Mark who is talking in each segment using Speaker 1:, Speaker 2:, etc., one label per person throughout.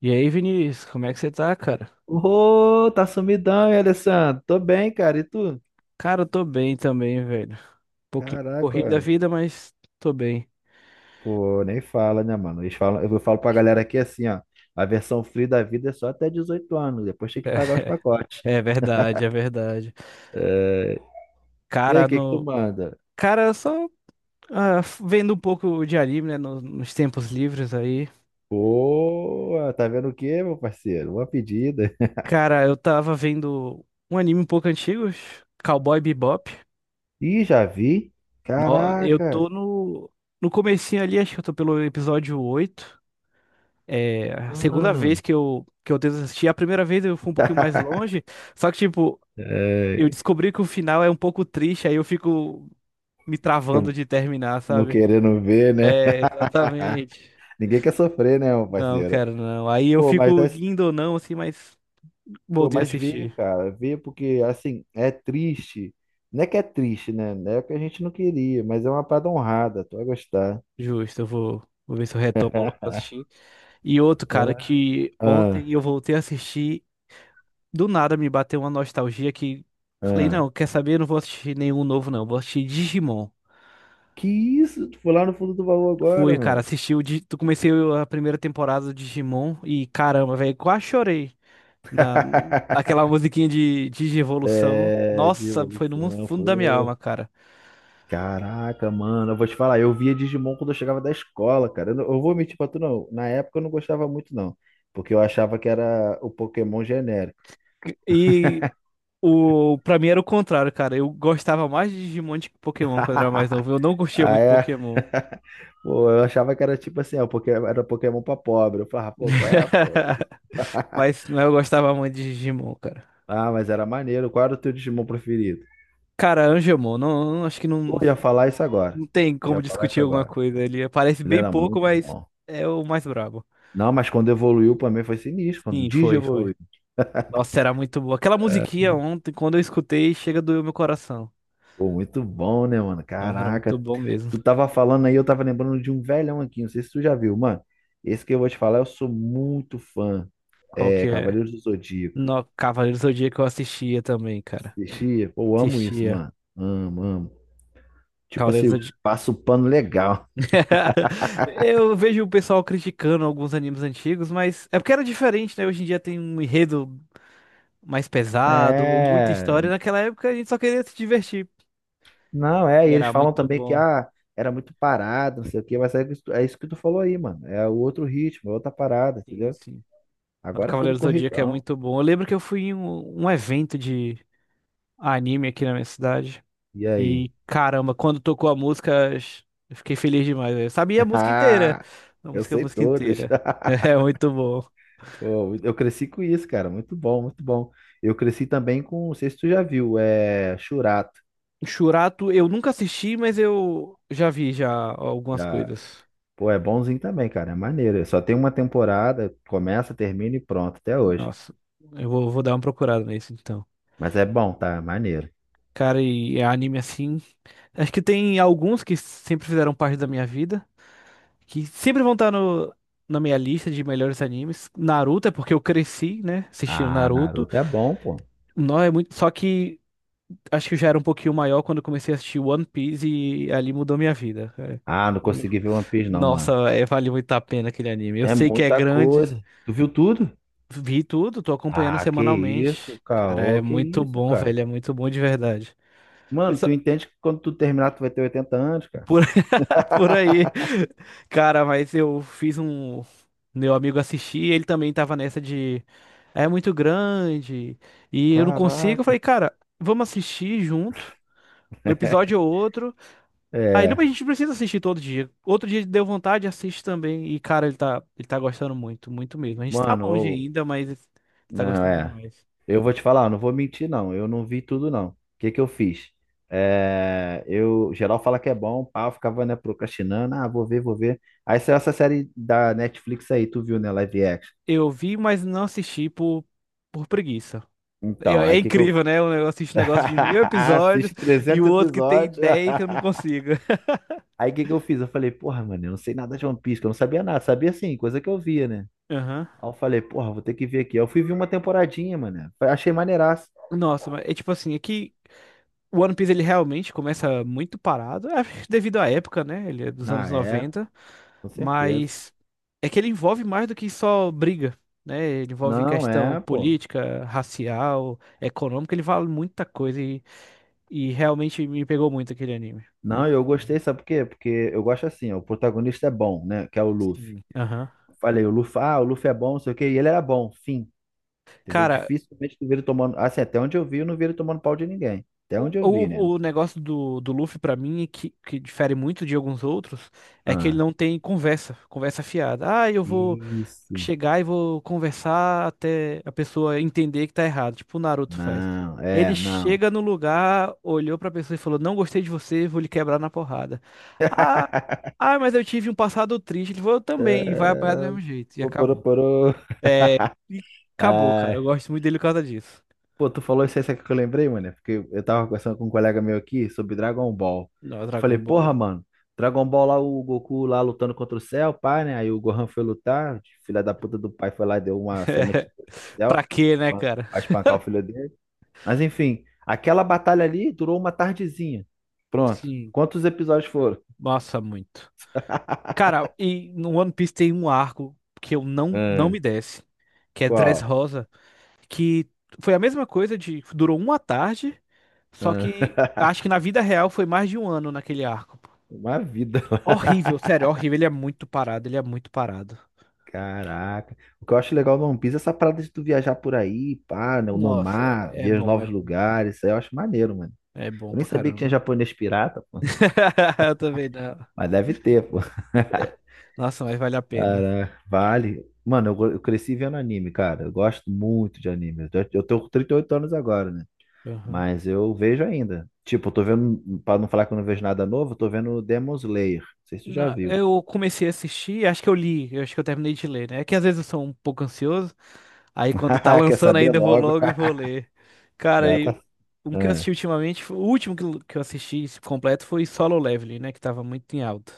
Speaker 1: E aí, Vinícius, como é que você tá, cara?
Speaker 2: Ô, tá sumidão, hein, Alessandro? Tô bem, cara. E tu?
Speaker 1: Cara, eu tô bem também, velho. Um pouquinho corrida a
Speaker 2: Caraca,
Speaker 1: vida, mas tô bem.
Speaker 2: pô, nem fala, né, mano? Eles falam, eu falo pra galera aqui assim, ó. A versão free da vida é só até 18 anos. Depois tem que pagar os pacotes.
Speaker 1: É verdade, é verdade.
Speaker 2: É. E aí, o
Speaker 1: Cara,
Speaker 2: que que tu
Speaker 1: no.
Speaker 2: manda?
Speaker 1: Cara, só vendo um pouco de anime, né? Nos tempos livres aí.
Speaker 2: Pô, tá vendo o quê, meu parceiro? Uma pedida.
Speaker 1: Cara, eu tava vendo um anime um pouco antigo, Cowboy Bebop.
Speaker 2: Ih, já vi?
Speaker 1: No- Eu
Speaker 2: Caraca,
Speaker 1: tô no. No comecinho ali, acho que eu tô pelo episódio 8. É a segunda vez
Speaker 2: mano.
Speaker 1: que eu tento assistir. A primeira vez eu fui um pouquinho mais longe. Só que, tipo, eu
Speaker 2: É,
Speaker 1: descobri que o final é um pouco triste, aí eu fico me travando
Speaker 2: fica
Speaker 1: de terminar,
Speaker 2: não
Speaker 1: sabe?
Speaker 2: querendo ver, né?
Speaker 1: É, exatamente.
Speaker 2: Ninguém quer sofrer, né, meu
Speaker 1: Não,
Speaker 2: parceiro?
Speaker 1: cara, não. Aí eu
Speaker 2: Pô, mas
Speaker 1: fico
Speaker 2: é
Speaker 1: indo ou não, assim, mas
Speaker 2: Pô,
Speaker 1: voltei a
Speaker 2: mas vê,
Speaker 1: assistir.
Speaker 2: cara, vê porque assim, é triste. Não é que é triste, né? Não, é o que a gente não queria, mas é uma parada honrada, tu vai gostar.
Speaker 1: Justo, eu vou ver se eu retomo logo pra assistir. E outro, cara,
Speaker 2: Ah,
Speaker 1: que
Speaker 2: ah,
Speaker 1: ontem eu voltei a assistir, do nada me bateu uma nostalgia que falei,
Speaker 2: ah.
Speaker 1: não, quer saber? Eu não vou assistir nenhum novo, não. Vou assistir Digimon.
Speaker 2: Que isso? Tu foi lá no fundo do baú agora,
Speaker 1: Fui, cara,
Speaker 2: mano.
Speaker 1: Tu comecei a primeira temporada do Digimon e caramba, velho, quase chorei. Na, aquela musiquinha de evolução.
Speaker 2: É,
Speaker 1: Nossa, foi no
Speaker 2: devolução,
Speaker 1: fundo da minha
Speaker 2: pô.
Speaker 1: alma, cara.
Speaker 2: Caraca, mano, eu vou te falar, eu via Digimon quando eu chegava da escola, cara. Eu, não- Eu vou mentir pra tu, não. Na época eu não gostava muito, não. Porque eu achava que era o Pokémon genérico.
Speaker 1: E o para mim era o contrário, cara. Eu gostava mais de Digimon do que Pokémon quando eu era mais novo. Eu não curtia
Speaker 2: Ah,
Speaker 1: muito
Speaker 2: é?
Speaker 1: Pokémon.
Speaker 2: Pô, eu achava que era tipo assim, ó, porque era Pokémon pra pobre. Eu falava, pô, qual é, pô?
Speaker 1: Mas não, eu gostava muito de Digimon, cara.
Speaker 2: Ah, mas era maneiro. Qual era o teu Digimon preferido?
Speaker 1: Cara, Angemon, acho que não,
Speaker 2: Pô, ia falar isso agora.
Speaker 1: não tem como
Speaker 2: Ia falar isso
Speaker 1: discutir alguma
Speaker 2: agora.
Speaker 1: coisa. Ele aparece
Speaker 2: Ele
Speaker 1: bem
Speaker 2: era
Speaker 1: pouco,
Speaker 2: muito
Speaker 1: mas
Speaker 2: bom.
Speaker 1: é o mais brabo.
Speaker 2: Não, mas quando evoluiu pra mim foi sinistro. Quando o
Speaker 1: Sim,
Speaker 2: Digi
Speaker 1: foi, foi.
Speaker 2: evoluiu.
Speaker 1: Nossa, era muito boa. Aquela musiquinha ontem, quando eu escutei, chega doeu meu coração.
Speaker 2: Pô, muito bom, né, mano?
Speaker 1: Nossa, era muito
Speaker 2: Caraca.
Speaker 1: bom mesmo.
Speaker 2: Tu tava falando aí, eu tava lembrando de um velhão aqui. Não sei se tu já viu, mano. Esse que eu vou te falar, eu sou muito fã.
Speaker 1: Qual
Speaker 2: É,
Speaker 1: que é?
Speaker 2: Cavaleiros do Zodíaco.
Speaker 1: No Cavaleiros do Zodíaco eu assistia também, cara.
Speaker 2: Assistia. Pô, eu amo isso,
Speaker 1: Assistia.
Speaker 2: mano. Amo, amo. Tipo
Speaker 1: Cavaleiros do
Speaker 2: assim,
Speaker 1: Zodíaco.
Speaker 2: passa o pano legal.
Speaker 1: Eu vejo o pessoal criticando alguns animes antigos, mas é porque era diferente, né? Hoje em dia tem um enredo mais pesado, muita
Speaker 2: É,
Speaker 1: história. Naquela época a gente só queria se divertir.
Speaker 2: não, é, e
Speaker 1: E
Speaker 2: eles
Speaker 1: era
Speaker 2: falam
Speaker 1: muito
Speaker 2: também que
Speaker 1: bom.
Speaker 2: era muito parado, não sei o quê, mas é isso que tu falou aí, mano. É o outro ritmo, é outra parada,
Speaker 1: Sim,
Speaker 2: entendeu?
Speaker 1: sim. O
Speaker 2: Agora é tudo
Speaker 1: Cavaleiros do Zodíaco é
Speaker 2: corridão.
Speaker 1: muito bom. Eu lembro que eu fui em um evento de anime aqui na minha cidade.
Speaker 2: E aí?
Speaker 1: E caramba, quando tocou a música, eu fiquei feliz demais. Eu sabia a música inteira.
Speaker 2: Ah, eu
Speaker 1: A
Speaker 2: sei
Speaker 1: música
Speaker 2: todas.
Speaker 1: inteira. É muito bom.
Speaker 2: Pô, eu cresci com isso, cara. Muito bom, muito bom. Eu cresci também com, não sei se tu já viu, é Churato.
Speaker 1: Churato, eu nunca assisti, mas eu já vi já algumas
Speaker 2: Já,
Speaker 1: coisas.
Speaker 2: pô, é bonzinho também, cara. É maneiro. Só tem uma temporada, começa, termina e pronto, até hoje.
Speaker 1: Nossa, eu vou dar uma procurada nesse então.
Speaker 2: Mas é bom, tá? É maneiro.
Speaker 1: Cara, e é anime assim. Acho que tem alguns que sempre fizeram parte da minha vida, que sempre vão estar no, na minha lista de melhores animes. Naruto é porque eu cresci, né, assistindo
Speaker 2: Ah,
Speaker 1: Naruto.
Speaker 2: Naruto é bom, pô.
Speaker 1: Não é muito, só que acho que eu já era um pouquinho maior quando eu comecei a assistir One Piece e ali mudou minha vida, cara.
Speaker 2: Ah, não consegui ver One Piece não, mano.
Speaker 1: Nossa, é, vale muito a pena aquele anime. Eu
Speaker 2: É
Speaker 1: sei que é
Speaker 2: muita
Speaker 1: grande,
Speaker 2: coisa. Tu viu tudo?
Speaker 1: vi tudo, tô acompanhando
Speaker 2: Ah, que
Speaker 1: semanalmente.
Speaker 2: isso,
Speaker 1: Cara, é
Speaker 2: caô, que
Speaker 1: muito
Speaker 2: isso,
Speaker 1: bom,
Speaker 2: cara.
Speaker 1: velho, é muito bom de verdade.
Speaker 2: Mano,
Speaker 1: Isso-
Speaker 2: tu entende que quando tu terminar tu vai ter 80 anos, cara?
Speaker 1: por, por aí. Cara, mas eu fiz um. Meu amigo assistir, ele também tava nessa de. É muito grande e eu não consigo. Eu
Speaker 2: Caraca.
Speaker 1: falei, cara, vamos assistir junto, um episódio ou outro. Aí não,
Speaker 2: É,
Speaker 1: mas a gente precisa assistir todo dia. Outro dia deu vontade, assiste também. E, cara, ele tá gostando muito, muito mesmo. A gente tá
Speaker 2: mano,
Speaker 1: longe ainda, mas ele tá
Speaker 2: não
Speaker 1: gostando
Speaker 2: é.
Speaker 1: demais.
Speaker 2: Eu vou te falar, não vou mentir não, eu não vi tudo não. O que que eu fiz? É, eu geral fala que é bom, pá, eu ficava né, procrastinando, ah, vou ver, vou ver. Aí saiu essa série da Netflix aí, tu viu, né, live action.
Speaker 1: Eu vi, mas não assisti por preguiça.
Speaker 2: Então,
Speaker 1: É
Speaker 2: aí o que que eu
Speaker 1: incrível, né? Eu assisto um negócio de 1.000 episódios
Speaker 2: Assiste
Speaker 1: e
Speaker 2: 300
Speaker 1: o outro que tem
Speaker 2: episódios.
Speaker 1: 10 eu não consigo.
Speaker 2: Aí o que que eu fiz? Eu falei, porra, mano, eu não sei nada de One Piece, que eu não sabia nada. Sabia sim, coisa que eu via, né?
Speaker 1: Aham.
Speaker 2: Aí eu falei, porra, vou ter que ver aqui. Aí eu fui ver uma temporadinha, mano. Achei maneiraço.
Speaker 1: Nossa, mas é tipo assim, é que o One Piece ele realmente começa muito parado, é, devido à época, né? Ele é dos anos
Speaker 2: Ah, é,
Speaker 1: 90.
Speaker 2: com certeza.
Speaker 1: Mas é que ele envolve mais do que só briga, né? Ele envolve
Speaker 2: Não,
Speaker 1: questão
Speaker 2: é, pô.
Speaker 1: política, racial, econômica, ele vale muita coisa e realmente me pegou muito aquele anime.
Speaker 2: Não,
Speaker 1: Muito.
Speaker 2: eu gostei, sabe por quê? Porque eu gosto assim, ó, o protagonista é bom, né? Que é o Luffy.
Speaker 1: Sim. Aham.
Speaker 2: Falei, o Luffy é bom, não sei o quê. E ele era bom, fim. Entendeu?
Speaker 1: Cara,
Speaker 2: Dificilmente tu vê ele tomando. Assim, até onde eu vi, eu não vi ele tomando pau de ninguém. Até
Speaker 1: o,
Speaker 2: onde eu vi, né?
Speaker 1: o, o negócio do Luffy pra mim, que difere muito de alguns outros, é que ele
Speaker 2: Ah,
Speaker 1: não tem conversa, conversa fiada. Ah, eu vou
Speaker 2: isso.
Speaker 1: chegar e vou conversar até a pessoa entender que tá errado, tipo o Naruto faz.
Speaker 2: Não,
Speaker 1: Ele
Speaker 2: é, não.
Speaker 1: chega no lugar, olhou pra pessoa e falou: Não gostei de você, vou lhe quebrar na porrada. Ah, ah, mas eu tive um passado triste. Ele falou: Eu também, e vai apanhar do
Speaker 2: É,
Speaker 1: mesmo jeito. E
Speaker 2: pô,
Speaker 1: acabou.
Speaker 2: porô,
Speaker 1: É, e acabou, cara. Eu
Speaker 2: ai,
Speaker 1: gosto muito dele por causa disso.
Speaker 2: pô, tu falou isso aí, sabe o que eu lembrei, mano? É, porque eu tava conversando com um colega meu aqui sobre Dragon Ball.
Speaker 1: Não, Dragon
Speaker 2: Falei, porra,
Speaker 1: Ball.
Speaker 2: mano, Dragon Ball lá, o Goku lá lutando contra o céu, pai, né? Aí o Gohan foi lutar, filha da puta do pai foi lá e deu uma semente do
Speaker 1: Pra
Speaker 2: céu
Speaker 1: quê, né,
Speaker 2: pra
Speaker 1: cara?
Speaker 2: pra espancar o filho dele. Mas enfim, aquela batalha ali durou uma tardezinha. Pronto.
Speaker 1: Sim,
Speaker 2: Quantos episódios foram?
Speaker 1: nossa, muito. Cara, e no One Piece tem um arco que eu não
Speaker 2: Ah,
Speaker 1: me desce, que é
Speaker 2: qual?
Speaker 1: Dressrosa. Que foi a mesma coisa de durou uma tarde, só
Speaker 2: Ah,
Speaker 1: que acho que na vida real foi mais de um ano naquele arco.
Speaker 2: uma vida.
Speaker 1: Horrível, sério, horrível. Ele é muito parado, ele é muito parado.
Speaker 2: Caraca. O que eu acho legal no One Piece é essa parada de tu viajar por aí, pá, no
Speaker 1: Nossa,
Speaker 2: mar,
Speaker 1: é
Speaker 2: ver os
Speaker 1: bom, é
Speaker 2: novos
Speaker 1: bom.
Speaker 2: lugares. Isso aí eu acho maneiro, mano.
Speaker 1: É bom
Speaker 2: Eu nem
Speaker 1: pra
Speaker 2: sabia que tinha
Speaker 1: caramba.
Speaker 2: japonês pirata, pô.
Speaker 1: Eu também não.
Speaker 2: Mas deve ter, pô.
Speaker 1: É, nossa, mas vale a pena.
Speaker 2: Caraca, vale. Mano, eu cresci vendo anime, cara. Eu gosto muito de anime. Eu tô com 38 anos agora, né?
Speaker 1: Aham.
Speaker 2: Mas eu vejo ainda. Tipo, eu tô vendo, pra não falar que eu não vejo nada novo, eu tô vendo Demon Slayer. Não sei se tu já
Speaker 1: Não,
Speaker 2: viu.
Speaker 1: eu comecei a assistir, acho que eu li, eu acho que eu terminei de ler, né? É que às vezes eu sou um pouco ansioso, aí quando tá
Speaker 2: Quer
Speaker 1: lançando
Speaker 2: saber
Speaker 1: ainda eu vou
Speaker 2: logo?
Speaker 1: logo e vou ler. Cara,
Speaker 2: Dá,
Speaker 1: e
Speaker 2: tá.
Speaker 1: um que eu assisti ultimamente, o último que eu assisti completo foi Solo Leveling, né? Que tava muito em alta.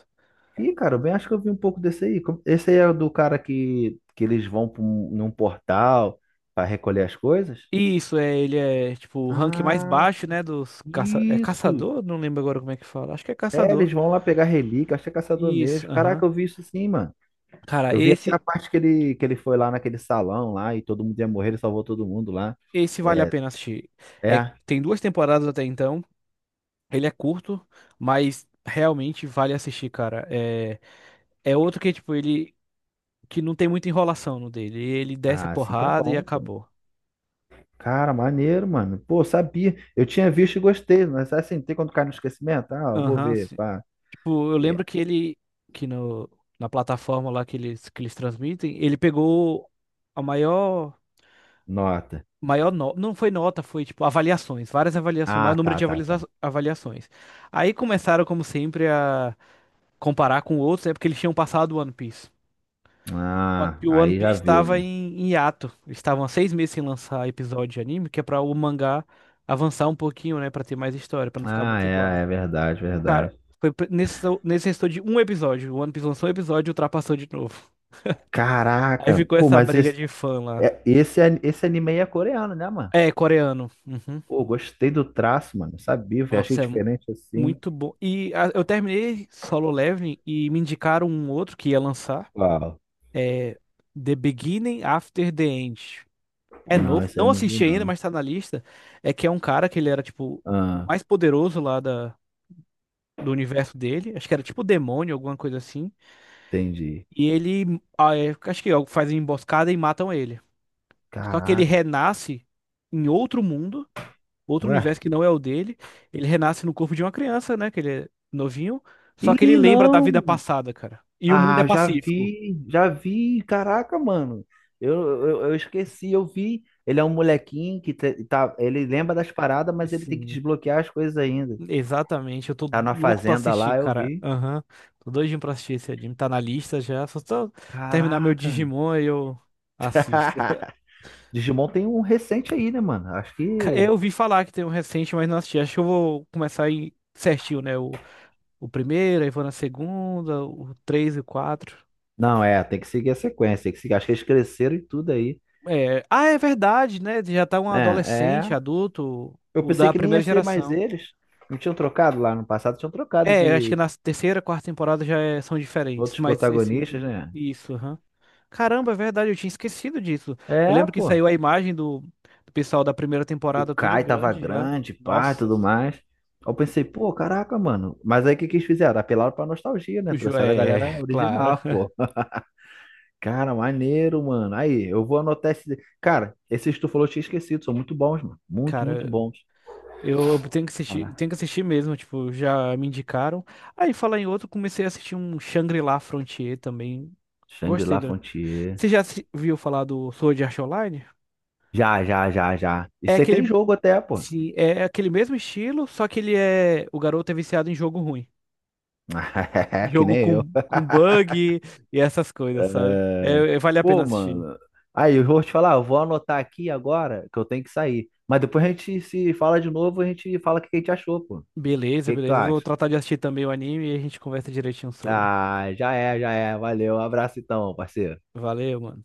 Speaker 2: Ih, cara, eu bem acho que eu vi um pouco desse aí. Esse aí é o do cara que, eles vão pra num portal para recolher as coisas?
Speaker 1: Isso, é, ele é tipo o rank mais
Speaker 2: Ah,
Speaker 1: baixo, né? É
Speaker 2: isso!
Speaker 1: caçador? Não lembro agora como é que fala. Acho que é
Speaker 2: É, eles
Speaker 1: caçador.
Speaker 2: vão lá pegar relíquia, acho que é caçador
Speaker 1: Isso,
Speaker 2: mesmo.
Speaker 1: aham.
Speaker 2: Caraca, eu vi isso sim, mano.
Speaker 1: Cara,
Speaker 2: Eu vi até a
Speaker 1: esse,
Speaker 2: parte que ele, foi lá naquele salão lá e todo mundo ia morrer, ele salvou todo mundo lá.
Speaker 1: esse vale a
Speaker 2: É,
Speaker 1: pena assistir. É,
Speaker 2: é.
Speaker 1: tem 2 temporadas até então. Ele é curto, mas realmente vale assistir, cara. É outro que, tipo, ele que não tem muita enrolação no dele. Ele desce a
Speaker 2: Ah, assim que é
Speaker 1: porrada e
Speaker 2: bom, pô.
Speaker 1: acabou.
Speaker 2: Cara, maneiro, mano. Pô, sabia. Eu tinha visto e gostei, mas assim, tem quando cai no esquecimento? Ah, eu vou
Speaker 1: Aham,
Speaker 2: ver,
Speaker 1: sim.
Speaker 2: pá.
Speaker 1: Tipo, eu
Speaker 2: E-
Speaker 1: lembro que ele, que no, na plataforma lá que eles transmitem, ele pegou a maior,
Speaker 2: Nota.
Speaker 1: maior nota, não foi nota, foi tipo avaliações, várias avaliações,
Speaker 2: Ah,
Speaker 1: maior número
Speaker 2: tá,
Speaker 1: de
Speaker 2: tá, tá.
Speaker 1: avaliações. Aí começaram, como sempre, a comparar com outros, é porque eles tinham passado One Piece. Só
Speaker 2: Ah,
Speaker 1: que o One
Speaker 2: aí já
Speaker 1: Piece
Speaker 2: viu,
Speaker 1: estava
Speaker 2: né?
Speaker 1: em hiato. Eles estavam há 6 meses sem lançar episódio de anime, que é pra o mangá avançar um pouquinho, né? Pra ter mais história, pra não ficar
Speaker 2: Ah,
Speaker 1: muito igual.
Speaker 2: é, é verdade,
Speaker 1: Cara,
Speaker 2: verdade.
Speaker 1: foi nesse restou de um episódio. O One Piece lançou um episódio e ultrapassou de novo. Aí
Speaker 2: Caraca,
Speaker 1: ficou
Speaker 2: pô,
Speaker 1: essa
Speaker 2: mas
Speaker 1: briga
Speaker 2: esse,
Speaker 1: de fã lá.
Speaker 2: é- esse, an- esse anime aí é coreano, né, mano?
Speaker 1: É, coreano. Uhum.
Speaker 2: Pô, gostei do traço, mano. Sabia, eu achei
Speaker 1: Nossa, é
Speaker 2: diferente assim.
Speaker 1: muito bom. Eu terminei Solo Leveling e me indicaram um outro que ia lançar.
Speaker 2: Uau.
Speaker 1: É The Beginning After the End. É
Speaker 2: Não,
Speaker 1: novo,
Speaker 2: esse aí eu
Speaker 1: não
Speaker 2: não vi,
Speaker 1: assisti ainda,
Speaker 2: não.
Speaker 1: mas tá na lista. É que é um cara que ele era, tipo, o
Speaker 2: Ah,
Speaker 1: mais poderoso lá do universo dele. Acho que era tipo demônio, alguma coisa assim.
Speaker 2: entendi.
Speaker 1: E ele, acho que faz uma emboscada e matam ele. Só que ele
Speaker 2: Caraca,
Speaker 1: renasce em outro mundo, outro
Speaker 2: ué.
Speaker 1: universo que não é o dele. Ele renasce no corpo de uma criança, né? Que ele é novinho. Só que ele
Speaker 2: Ih,
Speaker 1: lembra da vida
Speaker 2: não!
Speaker 1: passada, cara. E o mundo é
Speaker 2: Ah, já
Speaker 1: pacífico.
Speaker 2: vi, já vi. Caraca, mano. Eu, eu esqueci, eu vi. Ele é um molequinho que tá, ele lembra das paradas, mas ele tem que
Speaker 1: Assim,
Speaker 2: desbloquear as coisas ainda.
Speaker 1: exatamente, eu tô
Speaker 2: Tá na
Speaker 1: louco pra
Speaker 2: fazenda
Speaker 1: assistir,
Speaker 2: lá, eu
Speaker 1: cara.
Speaker 2: vi.
Speaker 1: Aham, tô doidinho pra assistir esse anime. Tá na lista já, só tô terminar meu
Speaker 2: Caraca.
Speaker 1: Digimon e eu assisto.
Speaker 2: Digimon tem um recente aí, né, mano? Acho que.
Speaker 1: Eu ouvi falar que tem um recente, mas não assisti. Acho que eu vou começar aí certinho, né? O primeiro, aí vou na segunda, o três e o quatro.
Speaker 2: Não, é, tem que seguir a sequência, tem que seguir. Acho que eles cresceram e tudo aí.
Speaker 1: Ah, é verdade, né? Já tá um
Speaker 2: É,
Speaker 1: adolescente,
Speaker 2: é.
Speaker 1: adulto,
Speaker 2: Eu
Speaker 1: o
Speaker 2: pensei
Speaker 1: da
Speaker 2: que nem
Speaker 1: primeira
Speaker 2: ia ser mais
Speaker 1: geração.
Speaker 2: eles. Não tinham trocado lá no passado, tinham trocado
Speaker 1: É, eu acho que
Speaker 2: de
Speaker 1: na terceira, quarta temporada já são diferentes,
Speaker 2: outros
Speaker 1: mas esse
Speaker 2: protagonistas,
Speaker 1: último.
Speaker 2: né?
Speaker 1: Isso, aham. Caramba, é verdade, eu tinha esquecido disso. Eu
Speaker 2: É,
Speaker 1: lembro que
Speaker 2: pô.
Speaker 1: saiu a imagem do pessoal da primeira
Speaker 2: O
Speaker 1: temporada, todo
Speaker 2: Kai tava
Speaker 1: grande já.
Speaker 2: grande, pá, e
Speaker 1: Nossa,
Speaker 2: tudo mais. Eu pensei, pô, caraca, mano. Mas aí o que que eles fizeram? Apelaram pra nostalgia,
Speaker 1: o
Speaker 2: né?
Speaker 1: Ju-
Speaker 2: Trouxeram a
Speaker 1: é,
Speaker 2: galera
Speaker 1: é, claro.
Speaker 2: original, pô. Cara, maneiro, mano. Aí, eu vou anotar esse. Cara, esses que tu falou eu tinha esquecido, são muito bons, mano. Muito, muito
Speaker 1: Cara,
Speaker 2: bons.
Speaker 1: eu
Speaker 2: Olha lá.
Speaker 1: tenho que assistir mesmo, tipo, já me indicaram. Aí, falar em outro, comecei a assistir um Shangri-La Frontier também. Gostei
Speaker 2: Shangri-La
Speaker 1: do...
Speaker 2: Frontier.
Speaker 1: Você já viu falar do Sword Art Online?
Speaker 2: Já, já, já, já.
Speaker 1: É
Speaker 2: Isso aí
Speaker 1: aquele
Speaker 2: tem jogo até, pô.
Speaker 1: Sim, é aquele mesmo estilo, só que ele é. O garoto é viciado em jogo ruim.
Speaker 2: Que
Speaker 1: Jogo
Speaker 2: nem eu.
Speaker 1: com bug e essas coisas, sabe? É,
Speaker 2: É,
Speaker 1: vale a pena
Speaker 2: pô,
Speaker 1: assistir.
Speaker 2: mano. Aí, eu vou te falar, eu vou anotar aqui agora que eu tenho que sair. Mas depois a gente se fala de novo, a gente fala o que a gente achou, pô. O
Speaker 1: Beleza,
Speaker 2: que que tu
Speaker 1: beleza. Eu vou
Speaker 2: acha?
Speaker 1: tratar de assistir também o anime e a gente conversa direitinho sobre.
Speaker 2: Ah, já é, já é. Valeu. Um abraço então, parceiro.
Speaker 1: Valeu, mano.